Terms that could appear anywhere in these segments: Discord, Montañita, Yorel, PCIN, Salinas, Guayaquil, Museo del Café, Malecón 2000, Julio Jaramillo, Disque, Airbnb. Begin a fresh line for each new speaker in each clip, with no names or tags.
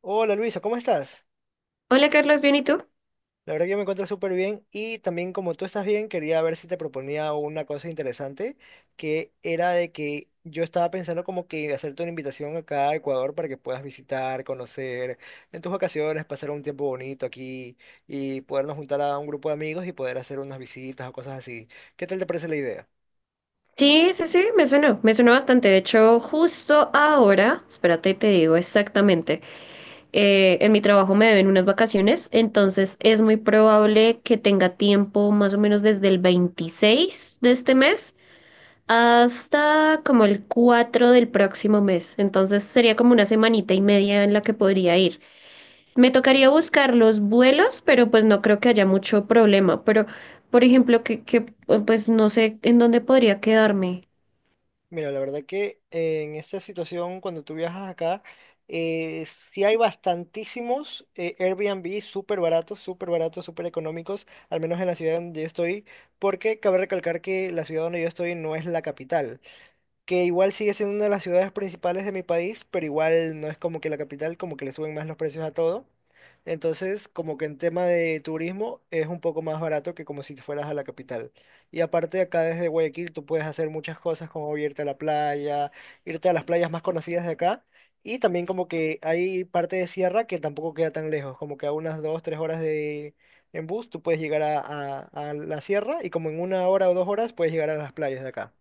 Hola Luisa, ¿cómo estás?
Hola Carlos, ¿bien y tú?
La verdad que yo me encuentro súper bien y también como tú estás bien, quería ver si te proponía una cosa interesante, que era de que yo estaba pensando como que hacerte una invitación acá a Ecuador para que puedas visitar, conocer en tus vacaciones, pasar un tiempo bonito aquí y podernos juntar a un grupo de amigos y poder hacer unas visitas o cosas así. ¿Qué tal te parece la idea?
Sí, sí, sí, me suena bastante. De hecho, justo ahora, espérate y te digo exactamente, en mi trabajo me deben unas vacaciones, entonces es muy probable que tenga tiempo más o menos desde el 26 de este mes hasta como el 4 del próximo mes. Entonces sería como una semanita y media en la que podría ir. Me tocaría buscar los vuelos, pero pues no creo que haya mucho problema. Pero, por ejemplo, que pues no sé en dónde podría quedarme.
Mira, la verdad que en esta situación, cuando tú viajas acá, sí hay bastantísimos Airbnb súper baratos, súper baratos, súper económicos, al menos en la ciudad donde yo estoy, porque cabe recalcar que la ciudad donde yo estoy no es la capital que igual sigue siendo una de las ciudades principales de mi país, pero igual no es como que la capital, como que le suben más los precios a todo. Entonces, como que en tema de turismo es un poco más barato que como si te fueras a la capital. Y aparte acá desde Guayaquil tú puedes hacer muchas cosas como irte a la playa, irte a las playas más conocidas de acá. Y también como que hay parte de sierra que tampoco queda tan lejos, como que a unas dos, tres horas de en bus tú puedes llegar a la sierra y como en una hora o dos horas puedes llegar a las playas de acá.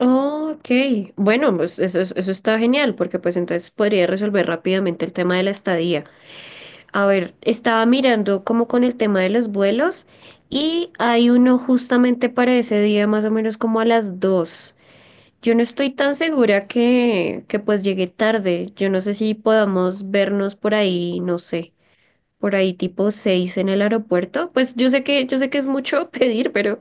Oh, ok, bueno, pues eso, eso está genial, porque pues entonces podría resolver rápidamente el tema de la estadía. A ver, estaba mirando como con el tema de los vuelos y hay uno justamente para ese día, más o menos como a las 2. Yo no estoy tan segura que pues llegue tarde. Yo no sé si podamos vernos por ahí, no sé, por ahí tipo 6 en el aeropuerto. Pues yo sé que es mucho pedir, pero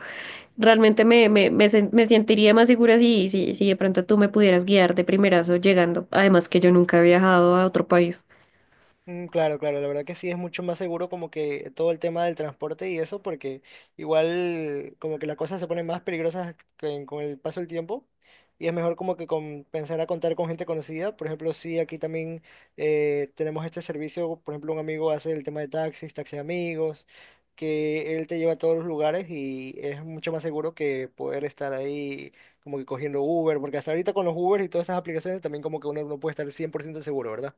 realmente me sentiría más segura si de pronto tú me pudieras guiar de primerazo llegando. Además que yo nunca he viajado a otro país.
Claro, claro, la verdad que sí es mucho más seguro como que todo el tema del transporte y eso, porque igual como que las cosas se ponen más peligrosas con el paso del tiempo y es mejor como que con, pensar a contar con gente conocida. Por ejemplo, sí, aquí también tenemos este servicio, por ejemplo, un amigo hace el tema de taxis, taxi amigos, que él te lleva a todos los lugares y es mucho más seguro que poder estar ahí como que cogiendo Uber, porque hasta ahorita con los Uber y todas esas aplicaciones también como que uno no puede estar 100% seguro, ¿verdad?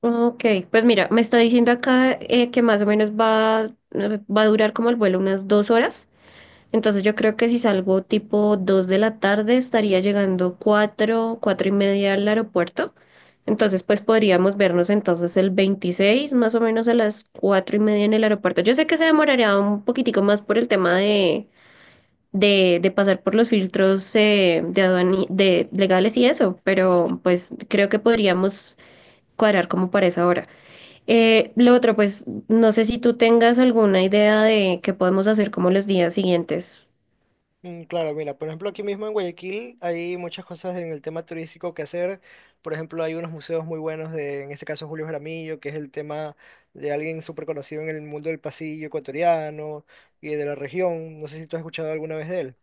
Ok, pues mira, me está diciendo acá que más o menos va, va a durar como el vuelo unas 2 horas. Entonces yo creo que si salgo tipo 2 de la tarde estaría llegando 4, 4:30 al aeropuerto. Entonces pues podríamos vernos entonces el 26 más o menos a las 4:30 en el aeropuerto. Yo sé que se demoraría un poquitico más por el tema de pasar por los filtros de legales y eso, pero pues creo que podríamos cuadrar como para esa hora. Lo otro pues no sé si tú tengas alguna idea de qué podemos hacer como los días siguientes.
Claro, mira, por ejemplo, aquí mismo en Guayaquil hay muchas cosas en el tema turístico que hacer. Por ejemplo, hay unos museos muy buenos de, en este caso, Julio Jaramillo, que es el tema de alguien súper conocido en el mundo del pasillo ecuatoriano y de la región. No sé si tú has escuchado alguna vez de él.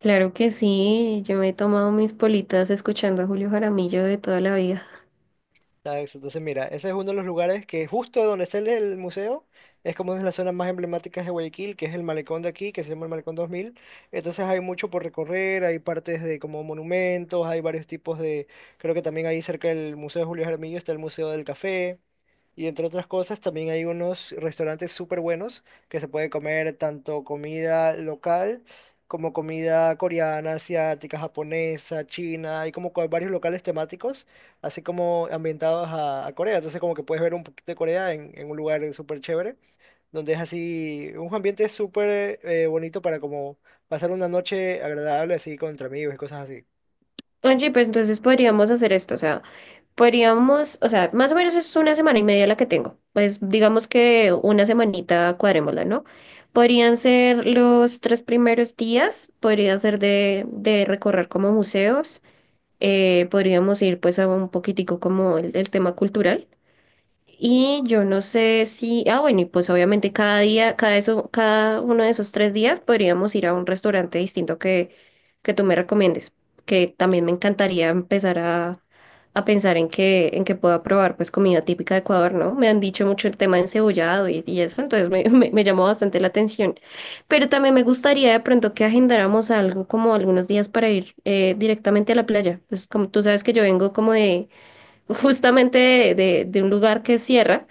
Claro que sí, yo me he tomado mis politas escuchando a Julio Jaramillo de toda la vida.
Entonces, mira, ese es uno de los lugares que justo donde está el museo, es como una de las zonas más emblemáticas de Guayaquil, que es el malecón de aquí, que se llama el Malecón 2000. Entonces hay mucho por recorrer, hay partes de como monumentos, hay varios tipos de, creo que también ahí cerca del Museo de Julio Jaramillo está el Museo del Café. Y entre otras cosas, también hay unos restaurantes súper buenos que se puede comer tanto comida local como comida coreana, asiática, japonesa, china. Hay como que varios locales temáticos, así como ambientados a Corea. Entonces como que puedes ver un poquito de Corea en un lugar súper chévere, donde es así un ambiente súper bonito para como pasar una noche agradable así con entre amigos y cosas así.
Oye, pues entonces podríamos hacer esto, o sea, podríamos, o sea, más o menos es una semana y media la que tengo, pues digamos que una semanita cuadrémosla, ¿no? Podrían ser los 3 primeros días, podría ser de recorrer como museos, podríamos ir pues a un poquitico como el tema cultural. Y yo no sé si, ah, bueno, y pues obviamente cada día, cada uno de esos 3 días podríamos ir a un restaurante distinto que tú me recomiendes, que también me encantaría empezar a pensar en que pueda probar pues comida típica de Ecuador, ¿no? Me han dicho mucho el tema de encebollado y eso, entonces me llamó bastante la atención. Pero también me gustaría de pronto que agendáramos algo como algunos días para ir directamente a la playa. Pues como tú sabes que yo vengo como de justamente de un lugar que es sierra,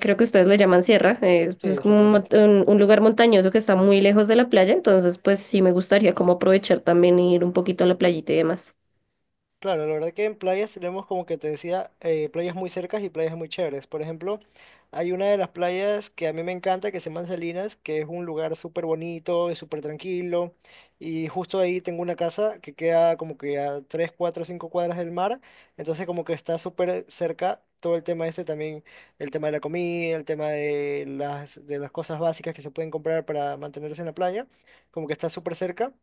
creo que ustedes le llaman sierra, pues
Sí,
es como un,
exactamente.
mont- un- un lugar montañoso que está muy lejos de la playa, entonces pues sí me gustaría como aprovechar también e ir un poquito a la playita y demás.
Claro, la verdad que en playas tenemos como que te decía, playas muy cercas y playas muy chéveres. Por ejemplo, hay una de las playas que a mí me encanta, que se llama Salinas, que es un lugar súper bonito, es súper tranquilo. Y justo ahí tengo una casa que queda como que a 3, 4, 5 cuadras del mar. Entonces como que está súper cerca todo el tema este también, el tema de la comida, el tema de las cosas básicas que se pueden comprar para mantenerse en la playa, como que está súper cerca.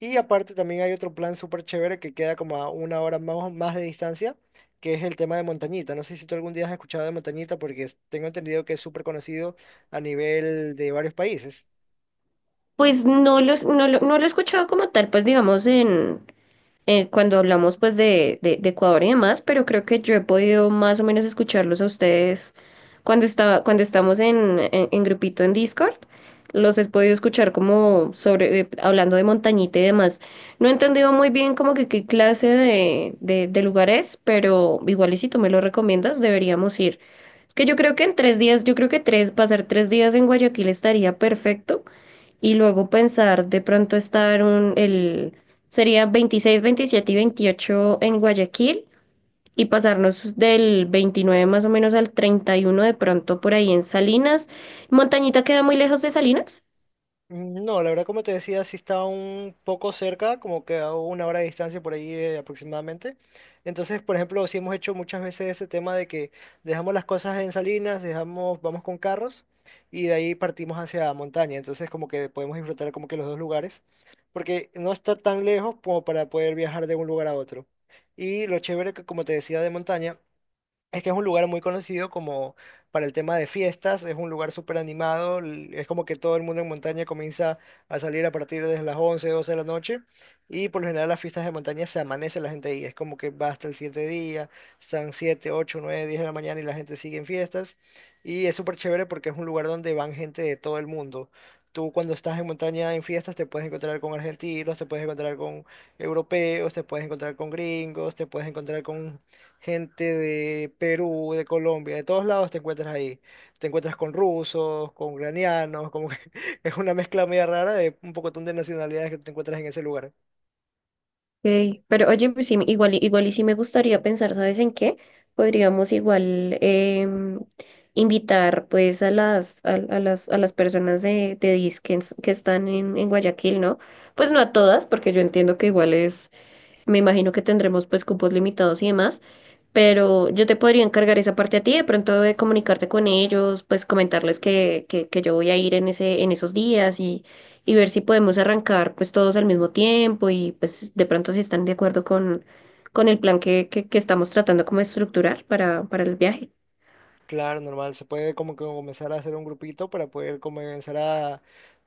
Y aparte también hay otro plan súper chévere que queda como a una hora más, más de distancia, que es el tema de Montañita. No sé si tú algún día has escuchado de Montañita porque tengo entendido que es súper conocido a nivel de varios países.
Pues no lo he escuchado como tal, pues digamos cuando hablamos pues de Ecuador y demás, pero creo que yo he podido más o menos escucharlos a ustedes cuando estaba, cuando estamos en grupito en Discord. Los he podido escuchar como sobre, hablando de montañita y demás. No he entendido muy bien como que qué clase de lugar es, pero igual y si tú me lo recomiendas, deberíamos ir. Es que yo creo que en 3 días, yo creo que 3, pasar 3 días en Guayaquil estaría perfecto y luego pensar de pronto estar sería 26, 27 y 28 en Guayaquil y pasarnos del 29 más o menos al 31 de pronto por ahí en Salinas. Montañita queda muy lejos de Salinas.
No, la verdad, como te decía, sí está un poco cerca, como que a una hora de distancia por ahí aproximadamente. Entonces, por ejemplo, sí hemos hecho muchas veces ese tema de que dejamos las cosas en Salinas, dejamos, vamos con carros y de ahí partimos hacia montaña. Entonces, como que podemos disfrutar como que los dos lugares, porque no está tan lejos como para poder viajar de un lugar a otro. Y lo chévere que, como te decía, de montaña. Es que es un lugar muy conocido como para el tema de fiestas, es un lugar súper animado, es como que todo el mundo en montaña comienza a salir a partir de las 11 12 de la noche y por lo general las fiestas de montaña se amanece la gente ahí, es como que va hasta el 7 día, están 7 8 9 10 de la mañana y la gente sigue en fiestas y es súper chévere porque es un lugar donde van gente de todo el mundo. Tú cuando estás en montaña en fiestas te puedes encontrar con argentinos, te puedes encontrar con europeos, te puedes encontrar con gringos, te puedes encontrar con gente de Perú, de Colombia, de todos lados te encuentras ahí. Te encuentras con rusos, con ucranianos, como que es una mezcla media rara de un pocotón de nacionalidades que te encuentras en ese lugar.
Ok, pero oye, pues sí, igual, igual y sí me gustaría pensar, ¿sabes en qué? Podríamos igual invitar pues a las personas de Disque que están en Guayaquil, ¿no? Pues no a todas, porque yo entiendo que igual es. Me imagino que tendremos pues cupos limitados y demás, pero yo te podría encargar esa parte a ti, de pronto de comunicarte con ellos, pues comentarles que yo voy a ir en ese, en esos días y ver si podemos arrancar pues todos al mismo tiempo y pues de pronto si están de acuerdo con el plan que estamos tratando como de estructurar para el viaje.
Claro, normal, se puede como que comenzar a hacer un grupito para poder comenzar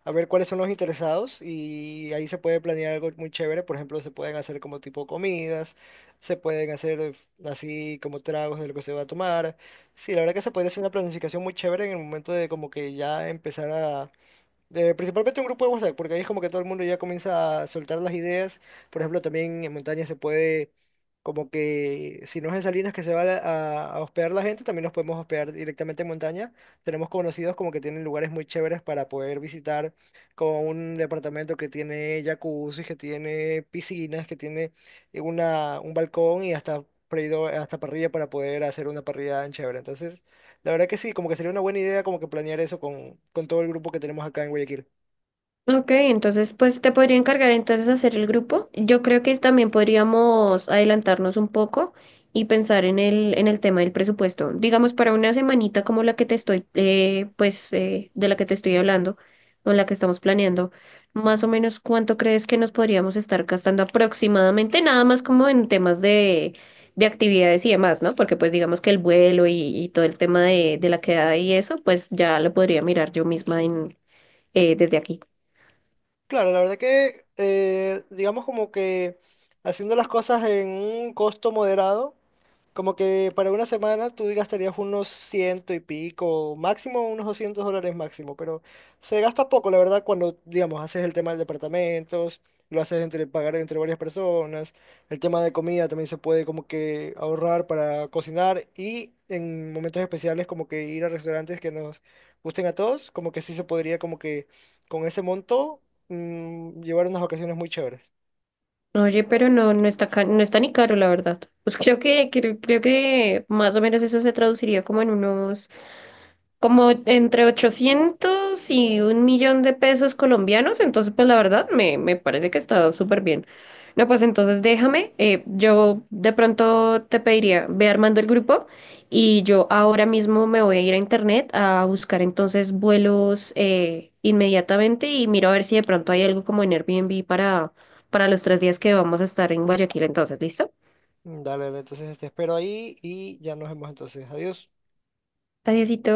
a ver cuáles son los interesados y ahí se puede planear algo muy chévere. Por ejemplo, se pueden hacer como tipo comidas, se pueden hacer así como tragos de lo que se va a tomar. Sí, la verdad que se puede hacer una planificación muy chévere en el momento de como que ya empezar a principalmente un grupo de WhatsApp, porque ahí es como que todo el mundo ya comienza a soltar las ideas. Por ejemplo, también en montaña se puede, como que si no es en Salinas que se va a hospedar la gente, también nos podemos hospedar directamente en montaña. Tenemos conocidos como que tienen lugares muy chéveres para poder visitar, como un departamento que tiene jacuzzi, que tiene piscinas, que tiene una, un balcón y hasta, hasta parrilla para poder hacer una parrilla en chévere. Entonces... La verdad que sí, como que sería una buena idea como que planear eso con todo el grupo que tenemos acá en Guayaquil.
Ok, entonces pues te podría encargar entonces hacer el grupo. Yo creo que también podríamos adelantarnos un poco y pensar en el tema del presupuesto. Digamos, para una semanita como la que te estoy, pues, de la que te estoy hablando, o la que estamos planeando, más o menos cuánto crees que nos podríamos estar gastando aproximadamente, nada más como en temas de actividades y demás, ¿no? Porque pues digamos que el vuelo y todo el tema de la quedada y eso, pues ya lo podría mirar yo misma desde aquí.
Claro, la verdad que digamos como que haciendo las cosas en un costo moderado, como que para una semana tú gastarías unos ciento y pico, máximo unos $200 máximo, pero se gasta poco, la verdad, cuando, digamos, haces el tema de departamentos, lo haces entre pagar entre varias personas, el tema de comida también se puede como que ahorrar para cocinar y en momentos especiales como que ir a restaurantes que nos gusten a todos, como que sí se podría como que con ese monto llevar unas vacaciones muy chéveres.
Oye, pero no, no no está ni caro, la verdad. Pues creo que más o menos eso se traduciría como en unos como entre 800 y 1.000.000 de pesos colombianos, entonces pues la verdad me parece que está súper bien. No, pues entonces déjame, yo de pronto te pediría, ve armando el grupo y yo ahora mismo me voy a ir a internet a buscar entonces vuelos inmediatamente y miro a ver si de pronto hay algo como en Airbnb para, los 3 días que vamos a estar en Guayaquil entonces, ¿listo?
Dale, dale, entonces te espero ahí y ya nos vemos entonces. Adiós.
Adiósito.